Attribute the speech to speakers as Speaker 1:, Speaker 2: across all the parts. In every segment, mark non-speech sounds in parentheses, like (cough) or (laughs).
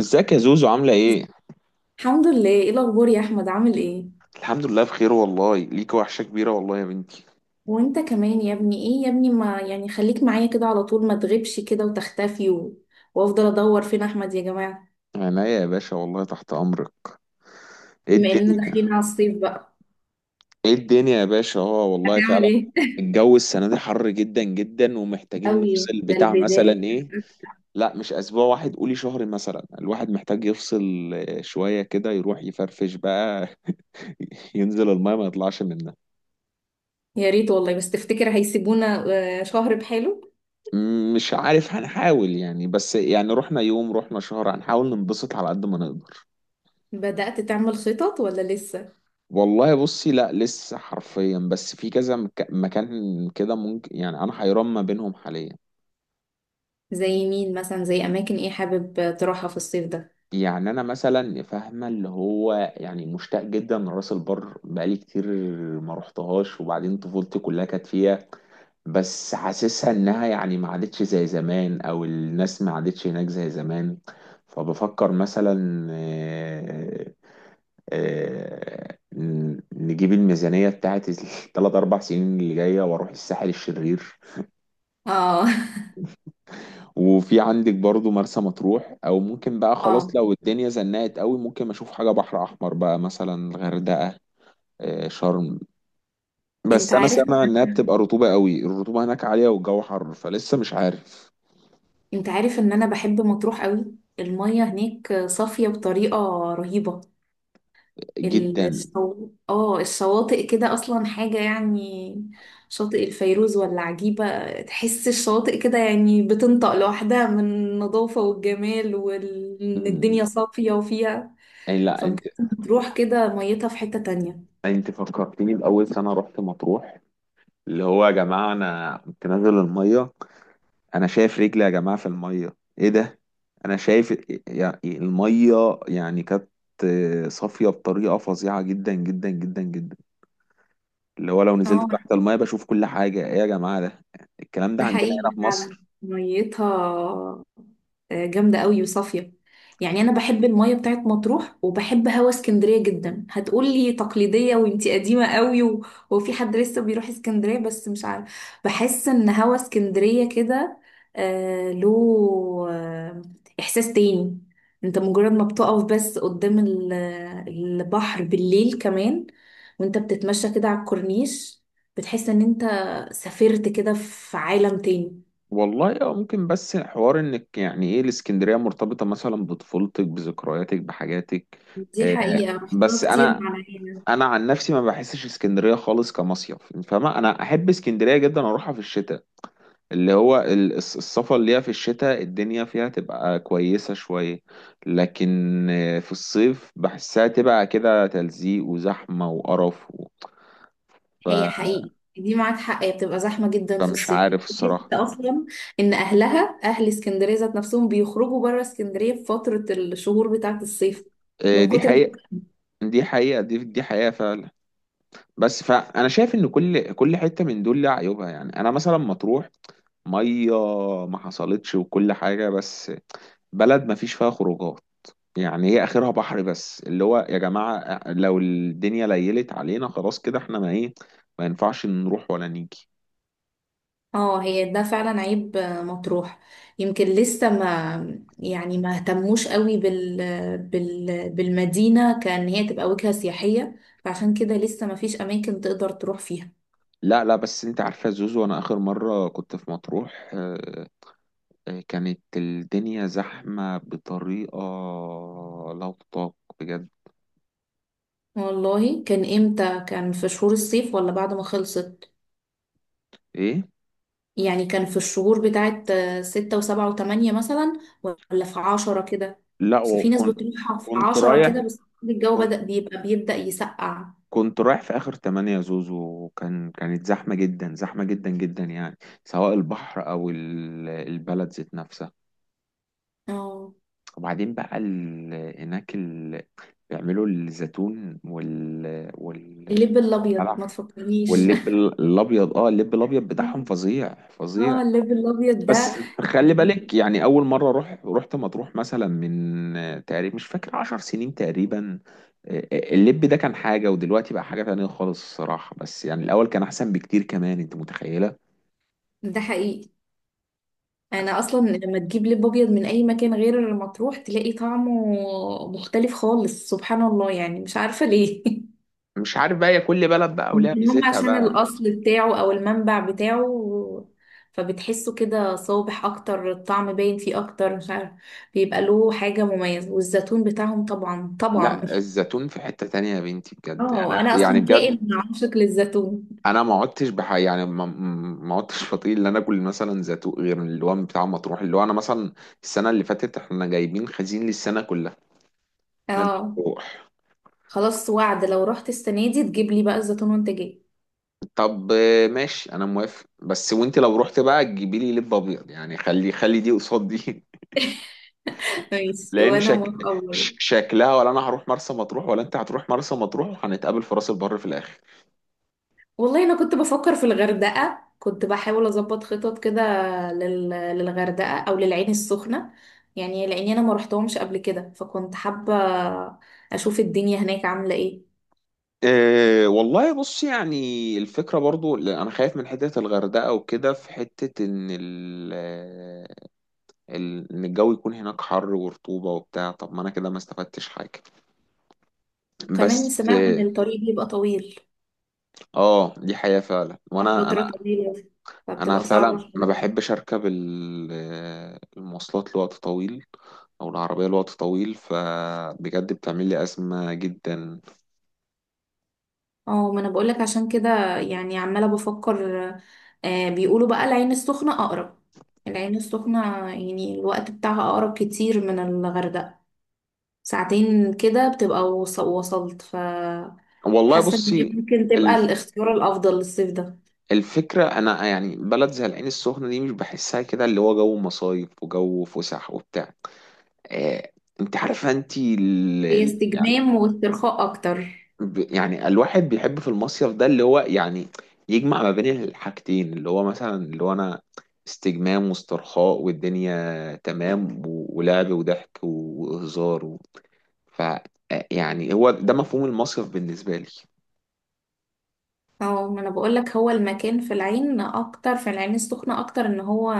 Speaker 1: ازيك يا زوزو، عاملة ايه؟
Speaker 2: الحمد لله، ايه الاخبار يا احمد، عامل ايه؟
Speaker 1: الحمد لله بخير والله، ليك وحشة كبيرة والله يا بنتي.
Speaker 2: وانت كمان يا ابني، ايه يا ابني، ما يعني خليك معايا كده على طول، ما تغيبش كده وتختفي. وافضل ادور فين احمد يا جماعه.
Speaker 1: عينيا يا باشا والله، تحت أمرك. ايه
Speaker 2: بما اننا
Speaker 1: الدنيا؟
Speaker 2: داخلين على الصيف بقى،
Speaker 1: ايه الدنيا يا باشا، اه والله
Speaker 2: هتعمل
Speaker 1: فعلا.
Speaker 2: ايه؟
Speaker 1: الجو السنة دي حر جدا جدا،
Speaker 2: (laughs)
Speaker 1: ومحتاجين
Speaker 2: قوي،
Speaker 1: نفصل
Speaker 2: ده
Speaker 1: بتاع
Speaker 2: البدايه.
Speaker 1: مثلا ايه؟ لا، مش أسبوع واحد، قولي شهر مثلا. الواحد محتاج يفصل شوية كده، يروح يفرفش بقى. (laughs) ينزل الماء ما يطلعش منها.
Speaker 2: يا ريت والله، بس تفتكر هيسيبونا شهر بحاله؟
Speaker 1: مش عارف، هنحاول يعني، بس يعني رحنا يوم، رحنا شهر، هنحاول ننبسط على قد ما نقدر.
Speaker 2: بدأت تعمل خطط ولا لسه؟
Speaker 1: والله بصي، لا لسه حرفيا، بس في كذا مكان كده ممكن، يعني انا حيران ما بينهم حاليا.
Speaker 2: زي مين مثلا، زي اماكن ايه حابب تروحها في الصيف ده؟
Speaker 1: يعني انا مثلا فاهمه، اللي هو يعني مشتاق جدا لراس البر، بقالي كتير ما رحتهاش، وبعدين طفولتي كلها كانت فيها. بس حاسسها انها يعني ما عادتش زي زمان، او الناس ما عادتش هناك زي زمان. فبفكر مثلا نجيب الميزانية بتاعت الثلاث (laughs) أربع سنين اللي جاية، وأروح الساحل الشرير.
Speaker 2: اه.
Speaker 1: وفي عندك برضو مرسى مطروح، او ممكن بقى
Speaker 2: (laughs) اه.
Speaker 1: خلاص، لو الدنيا زنقت قوي ممكن اشوف حاجه بحر احمر بقى، مثلا الغردقه. شرم.
Speaker 2: انت
Speaker 1: بس انا
Speaker 2: عارف،
Speaker 1: سامع انها بتبقى رطوبه قوي، الرطوبه هناك عاليه والجو حر، فلسه مش عارف.
Speaker 2: انت عارف ان انا بحب مطروح قوي. المية هناك صافية بطريقة رهيبة.
Speaker 1: جدا.
Speaker 2: الشواطئ كده اصلا حاجة يعني. شاطئ الفيروز ولا عجيبة. تحس الشواطئ كده، يعني بتنطق لوحدها من النظافة والجمال، وان الدنيا
Speaker 1: مم.
Speaker 2: صافية وفيها.
Speaker 1: يعني لا، انت
Speaker 2: فبجد مطروح كده، ميتها في حتة تانية.
Speaker 1: انت فكرتني باول سنه رحت مطروح. اللي هو يا جماعه، انا كنت نازل الميه، انا شايف رجلي يا جماعه في الميه، ايه ده؟ انا شايف يعني الميه يعني كانت صافيه بطريقه فظيعه جدا جدا جدا جدا. اللي هو لو نزلت
Speaker 2: اه.
Speaker 1: تحت الميه بشوف كل حاجه، ايه يا جماعه ده الكلام ده
Speaker 2: ده
Speaker 1: عندنا هنا
Speaker 2: حقيقي
Speaker 1: في
Speaker 2: فعلا.
Speaker 1: مصر؟
Speaker 2: ميتها جامدة قوي وصافية. يعني أنا بحب المية بتاعت مطروح وبحب هوا اسكندرية جدا، هتقولي تقليدية وانتي قديمة قوي. وفي حد لسه بيروح اسكندرية، بس مش عارف، بحس إن هوا اسكندرية كده آه، له آه إحساس تاني. انت مجرد ما بتقف بس قدام البحر بالليل كمان، وانت بتتمشى كده على الكورنيش، بتحس ان انت سافرت كده في عالم تاني.
Speaker 1: والله اه ممكن، بس حوار انك يعني ايه، الاسكندريه مرتبطه مثلا بطفولتك، بذكرياتك، بحاجاتك.
Speaker 2: دي
Speaker 1: آه.
Speaker 2: حقيقة، رحتها
Speaker 1: بس
Speaker 2: كتير
Speaker 1: انا
Speaker 2: مع العيلة.
Speaker 1: انا عن نفسي ما بحسش اسكندريه خالص كمصيف. فاهمه، انا احب اسكندريه جدا، اروحها في الشتاء. اللي هو السفر اللي هي في الشتاء، الدنيا فيها تبقى كويسة شوية. لكن في الصيف بحسها تبقى كده تلزيق وزحمة وقرف ف...
Speaker 2: هي حقيقي دي معاك حق، هي بتبقى زحمة جدا في
Speaker 1: فمش
Speaker 2: الصيف،
Speaker 1: عارف
Speaker 2: بحس
Speaker 1: الصراحة.
Speaker 2: أصلا إن أهلها أهل اسكندرية ذات نفسهم بيخرجوا بره اسكندرية في فترة الشهور بتاعة الصيف،
Speaker 1: إيه،
Speaker 2: من
Speaker 1: دي
Speaker 2: كتر.
Speaker 1: حقيقة دي حقيقة دي حقيقة فعلا. بس فأنا شايف إن كل حتة من دول لها عيوبها. يعني أنا مثلا مطروح مية ما حصلتش، وكل حاجة بس بلد ما فيش فيها خروجات، يعني هي اخرها بحر بس. اللي هو يا جماعة لو الدنيا ليلت علينا، خلاص كده احنا ما ايه، ما ينفعش نروح ولا نيجي.
Speaker 2: اه، هي ده فعلا عيب مطروح. يمكن لسه ما يعني ما اهتموش قوي بالمدينة، كأن هي تبقى وجهة سياحية. فعشان كده لسه ما فيش أماكن تقدر تروح فيها.
Speaker 1: لا لا، بس انت عارفة يا زوزو، انا اخر مرة كنت في مطروح كانت الدنيا زحمة بطريقة لا تطاق، بجد.
Speaker 2: والله كان امتى؟ كان في شهور الصيف ولا بعد ما خلصت؟
Speaker 1: ايه،
Speaker 2: يعني كان في الشهور بتاعت 6 و7 و8 مثلا، ولا في 10 كده؟
Speaker 1: لا
Speaker 2: بس في ناس
Speaker 1: وكنت
Speaker 2: بتروح في
Speaker 1: كنت
Speaker 2: 10
Speaker 1: رايح
Speaker 2: كده، بس الجو
Speaker 1: كنت
Speaker 2: بدأ بيبدأ يسقع.
Speaker 1: كنت رايح في اخر تمانية يا زوزو، كانت زحمة جدا، زحمة جدا جدا يعني، سواء البحر او البلد ذات نفسها.
Speaker 2: اه،
Speaker 1: وبعدين بقى هناك بيعملوا الزيتون والقلع.
Speaker 2: اللب الأبيض، ما تفكرنيش!
Speaker 1: واللب
Speaker 2: (laughs)
Speaker 1: الابيض، اه اللب الابيض بتاعهم فظيع فظيع.
Speaker 2: اه، اللب الأبيض ده.
Speaker 1: بس خلي
Speaker 2: يعني
Speaker 1: بالك، يعني اول مره رحت مطروح مثلا من تقريبا، مش فاكر، عشر سنين تقريبا. اللب ده كان حاجه، ودلوقتي بقى حاجه تانية خالص الصراحه. بس يعني الاول كان احسن بكتير، كمان انت متخيله.
Speaker 2: ده حقيقي. أنا أصلا لما تجيب لب أبيض من أي مكان غير مطروح تلاقي طعمه مختلف خالص، سبحان الله، يعني مش عارفة ليه. (laughs)
Speaker 1: مش عارف بقى، هي كل بلد بقى وليها
Speaker 2: يمكن هم
Speaker 1: ميزتها
Speaker 2: عشان
Speaker 1: بقى.
Speaker 2: الأصل بتاعه أو المنبع بتاعه، فبتحسه كده صابح أكتر، الطعم باين فيه أكتر، مش عارف. بيبقى له حاجة مميزة، والزيتون بتاعهم طبعا طبعا.
Speaker 1: لا، الزيتون في حتة تانية يا بنتي، بجد انا
Speaker 2: اه، أنا
Speaker 1: يعني
Speaker 2: أصلا كائن
Speaker 1: بجد
Speaker 2: عاشق للزيتون.
Speaker 1: انا ما عدتش بح يعني ما ما عدتش بطيق ان انا اكل مثلا زيتون غير اللي هو بتاع مطروح. اللي هو انا مثلا السنه اللي فاتت احنا جايبين خزين للسنه كلها من
Speaker 2: اه،
Speaker 1: مطروح.
Speaker 2: خلاص وعد، لو رحت السنة دي تجيب لي بقى الزيتون وانت جاي.
Speaker 1: طب ماشي، انا موافق. بس وانت لو رحت بقى تجيبي لي لب ابيض، يعني خلي خلي دي قصاد دي.
Speaker 2: (laughs)
Speaker 1: (laughs)
Speaker 2: ماشي،
Speaker 1: لان
Speaker 2: وأنا موافقة برضه.
Speaker 1: شكلها، ولا انا هروح مرسى مطروح، ولا انت هتروح مرسى مطروح، وهنتقابل في راس البر في الاخر.
Speaker 2: والله انا كنت بفكر في الغردقه، كنت بحاول اظبط خطط كده للغردقه او للعين السخنه، يعني لاني انا ما رحتهمش قبل كده، فكنت حابه اشوف الدنيا هناك عامله ايه.
Speaker 1: أه والله بص، يعني الفكرة برضو لا، أنا خايف من حتة الغردقة وكده، في حتة إن ان الجو يكون هناك حر ورطوبة وبتاع، طب ما انا كده ما استفدتش حاجة. بس
Speaker 2: وكمان سمعت ان الطريق بيبقى طويل،
Speaker 1: دي حقيقة فعلا، وانا انا
Speaker 2: فتره طويله،
Speaker 1: انا
Speaker 2: فبتبقى صعبه
Speaker 1: فعلا ما
Speaker 2: شويه.
Speaker 1: بحبش اركب المواصلات لوقت طويل، او العربية لوقت طويل، فبجد بتعمل لي أزمة جدا.
Speaker 2: اه، ما انا بقولك عشان كده يعني عماله بفكر. بيقولوا بقى العين السخنه اقرب، العين السخنه يعني الوقت بتاعها اقرب كتير من الغردقه. ساعتين كده بتبقى وص-، وصلت.
Speaker 1: والله
Speaker 2: حاسة ان دي
Speaker 1: بصي
Speaker 2: ممكن تبقى
Speaker 1: الف-
Speaker 2: الاختيار الافضل للصيف ده.
Speaker 1: الفكرة، أنا يعني بلد زي العين السخنة دي مش بحسها كده، اللي هو جو مصايف وجو فسح وبتاع آه، أنت عارفة. أنت
Speaker 2: هي استجمام واسترخاء اكتر.
Speaker 1: يعني الواحد بيحب في المصيف ده اللي هو يعني يجمع ما بين الحاجتين، اللي هو مثلا اللي هو انا استجمام واسترخاء، والدنيا تمام ولعب وضحك وهزار و... ف يعني هو ده مفهوم المصيف بالنسبة لي.
Speaker 2: اه، ما انا بقولك، هو المكان في العين اكتر، في العين السخنة اكتر، ان هو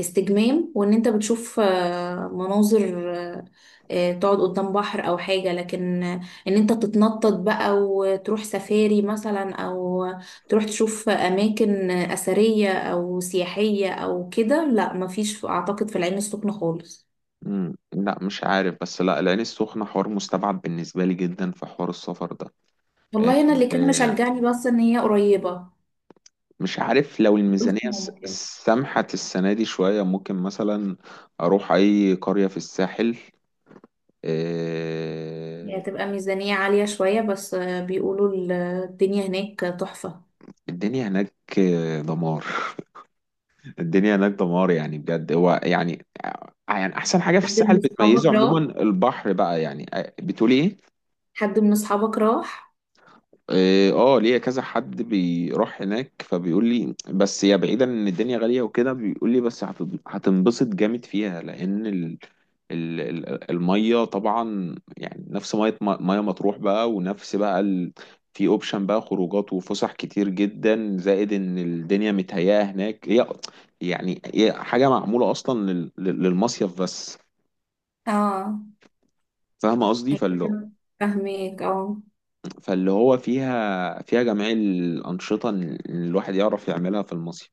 Speaker 2: استجمام، وان انت بتشوف مناظر، تقعد قدام بحر او حاجة، لكن ان انت تتنطط بقى وتروح سفاري مثلا، او تروح تشوف اماكن اثرية او سياحية او كده، لا، مفيش اعتقد في العين السخنة خالص.
Speaker 1: مم. لا مش عارف، بس لا، العين السخنة حوار مستبعد بالنسبة لي جدا في حوار السفر ده.
Speaker 2: والله انا اللي كان
Speaker 1: آه،
Speaker 2: مشجعني بس ان هي قريبة،
Speaker 1: مش عارف، لو
Speaker 2: قلت
Speaker 1: الميزانية
Speaker 2: ممكن.
Speaker 1: سمحت السنة دي شوية، ممكن مثلا أروح أي قرية في الساحل. آه،
Speaker 2: هي هتبقى ميزانية عالية شوية، بس بيقولوا الدنيا هناك تحفة.
Speaker 1: الدنيا هناك دمار. (laughs) الدنيا هناك دمار، يعني بجد. هو يعني، يعني احسن حاجه في
Speaker 2: حد
Speaker 1: الساحل
Speaker 2: من
Speaker 1: بتميزه
Speaker 2: أصحابك راح؟
Speaker 1: عموما البحر بقى، يعني بتقولي ايه.
Speaker 2: حد من أصحابك راح؟
Speaker 1: اه ليا كذا حد بيروح هناك، فبيقول لي بس يا بعيدا ان الدنيا غالية وكده، بيقول لي بس هتنبسط جامد فيها، لان المية طبعا، يعني نفس مية مطروح بقى، ونفس بقى في اوبشن بقى خروجات وفسح كتير جدا، زائد ان الدنيا متهيئة هناك هي، يعني هي حاجة معمولة اصلا للمصيف بس.
Speaker 2: اه،
Speaker 1: فاهمة قصدي؟
Speaker 2: هيبقى. فاهمك، اه.
Speaker 1: فاللي هو فيها جميع الأنشطة اللي الواحد يعرف يعملها في المصيف،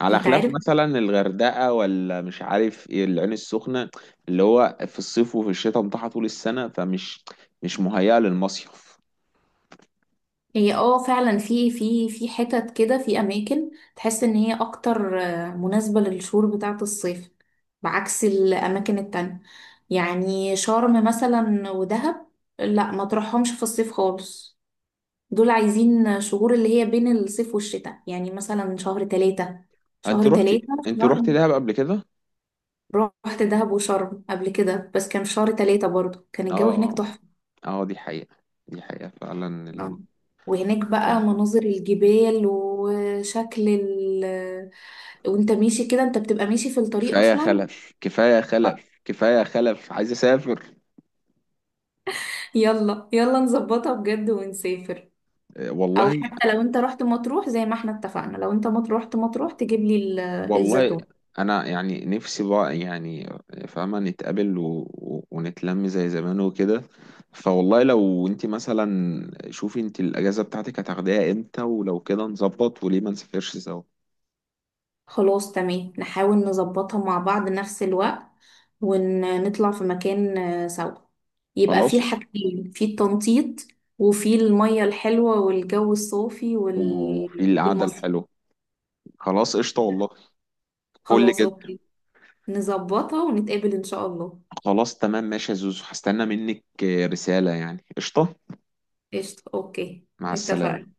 Speaker 1: على
Speaker 2: انت
Speaker 1: خلاف
Speaker 2: عارف.
Speaker 1: مثلا الغردقة، ولا مش عارف ايه العين السخنة. اللي هو في الصيف وفي الشتاء متاحة طول السنة، فمش مش مهيئة للمصيف.
Speaker 2: هي فعلا، في حتت كده، في أماكن تحس إن هي أكتر مناسبة للشهور بتاعة الصيف، بعكس الأماكن التانية. يعني شرم مثلا ودهب، لا ما تروحهمش في الصيف خالص. دول عايزين شهور اللي هي بين الصيف والشتاء، يعني مثلا شهر 3،
Speaker 1: انت
Speaker 2: شهر
Speaker 1: رحت
Speaker 2: 3.
Speaker 1: انت رحت
Speaker 2: شرم.
Speaker 1: دهب قبل كده؟
Speaker 2: رحت دهب وشرم قبل كده، بس كان في شهر 3 برضو، كان الجو
Speaker 1: اه
Speaker 2: هناك
Speaker 1: اه،
Speaker 2: تحفة.
Speaker 1: دي حقيقة، دي حقيقة فعلا
Speaker 2: آه. وهناك بقى مناظر الجبال وشكل وانت ماشي كده، انت بتبقى ماشي في الطريق
Speaker 1: كفاية
Speaker 2: اصلا.
Speaker 1: خلف، كفاية
Speaker 2: آه.
Speaker 1: خلف، كفاية خلف، عايز اسافر.
Speaker 2: يلا يلا، نظبطها بجد ونسافر، او
Speaker 1: والله.
Speaker 2: حتى لو انت رحت مطروح زي ما احنا اتفقنا، لو انت رحت مطروح تجيب لي
Speaker 1: والله
Speaker 2: الزيتون.
Speaker 1: انا يعني نفسي بقى، يعني فاهمه نتقابل ونتلم زي زمان وكده. فوالله لو انت مثلا، شوفي انت الاجازه بتاعتك هتاخديها امتى، ولو كده نظبط، وليه ما نسافرش سوا.
Speaker 2: خلاص تمام، نحاول نظبطها مع بعض نفس الوقت، ونطلع في مكان سوا، يبقى في
Speaker 1: خلاص.
Speaker 2: الحاجتين، في التنطيط وفي المية الحلوة والجو الصافي
Speaker 1: وفي القعده
Speaker 2: والمصيف.
Speaker 1: الحلوه. خلاص قشطه والله، فل
Speaker 2: خلاص
Speaker 1: جدا.
Speaker 2: اوكي، نظبطها ونتقابل ان شاء الله.
Speaker 1: خلاص تمام ماشي يا زوزو، هستنى منك رساله يعني، قشطه.
Speaker 2: قشطة، اوكي.
Speaker 1: مع السلامه،
Speaker 2: اتفقنا،
Speaker 1: ان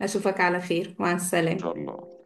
Speaker 2: اشوفك على خير، مع
Speaker 1: شاء
Speaker 2: السلامة.
Speaker 1: الله.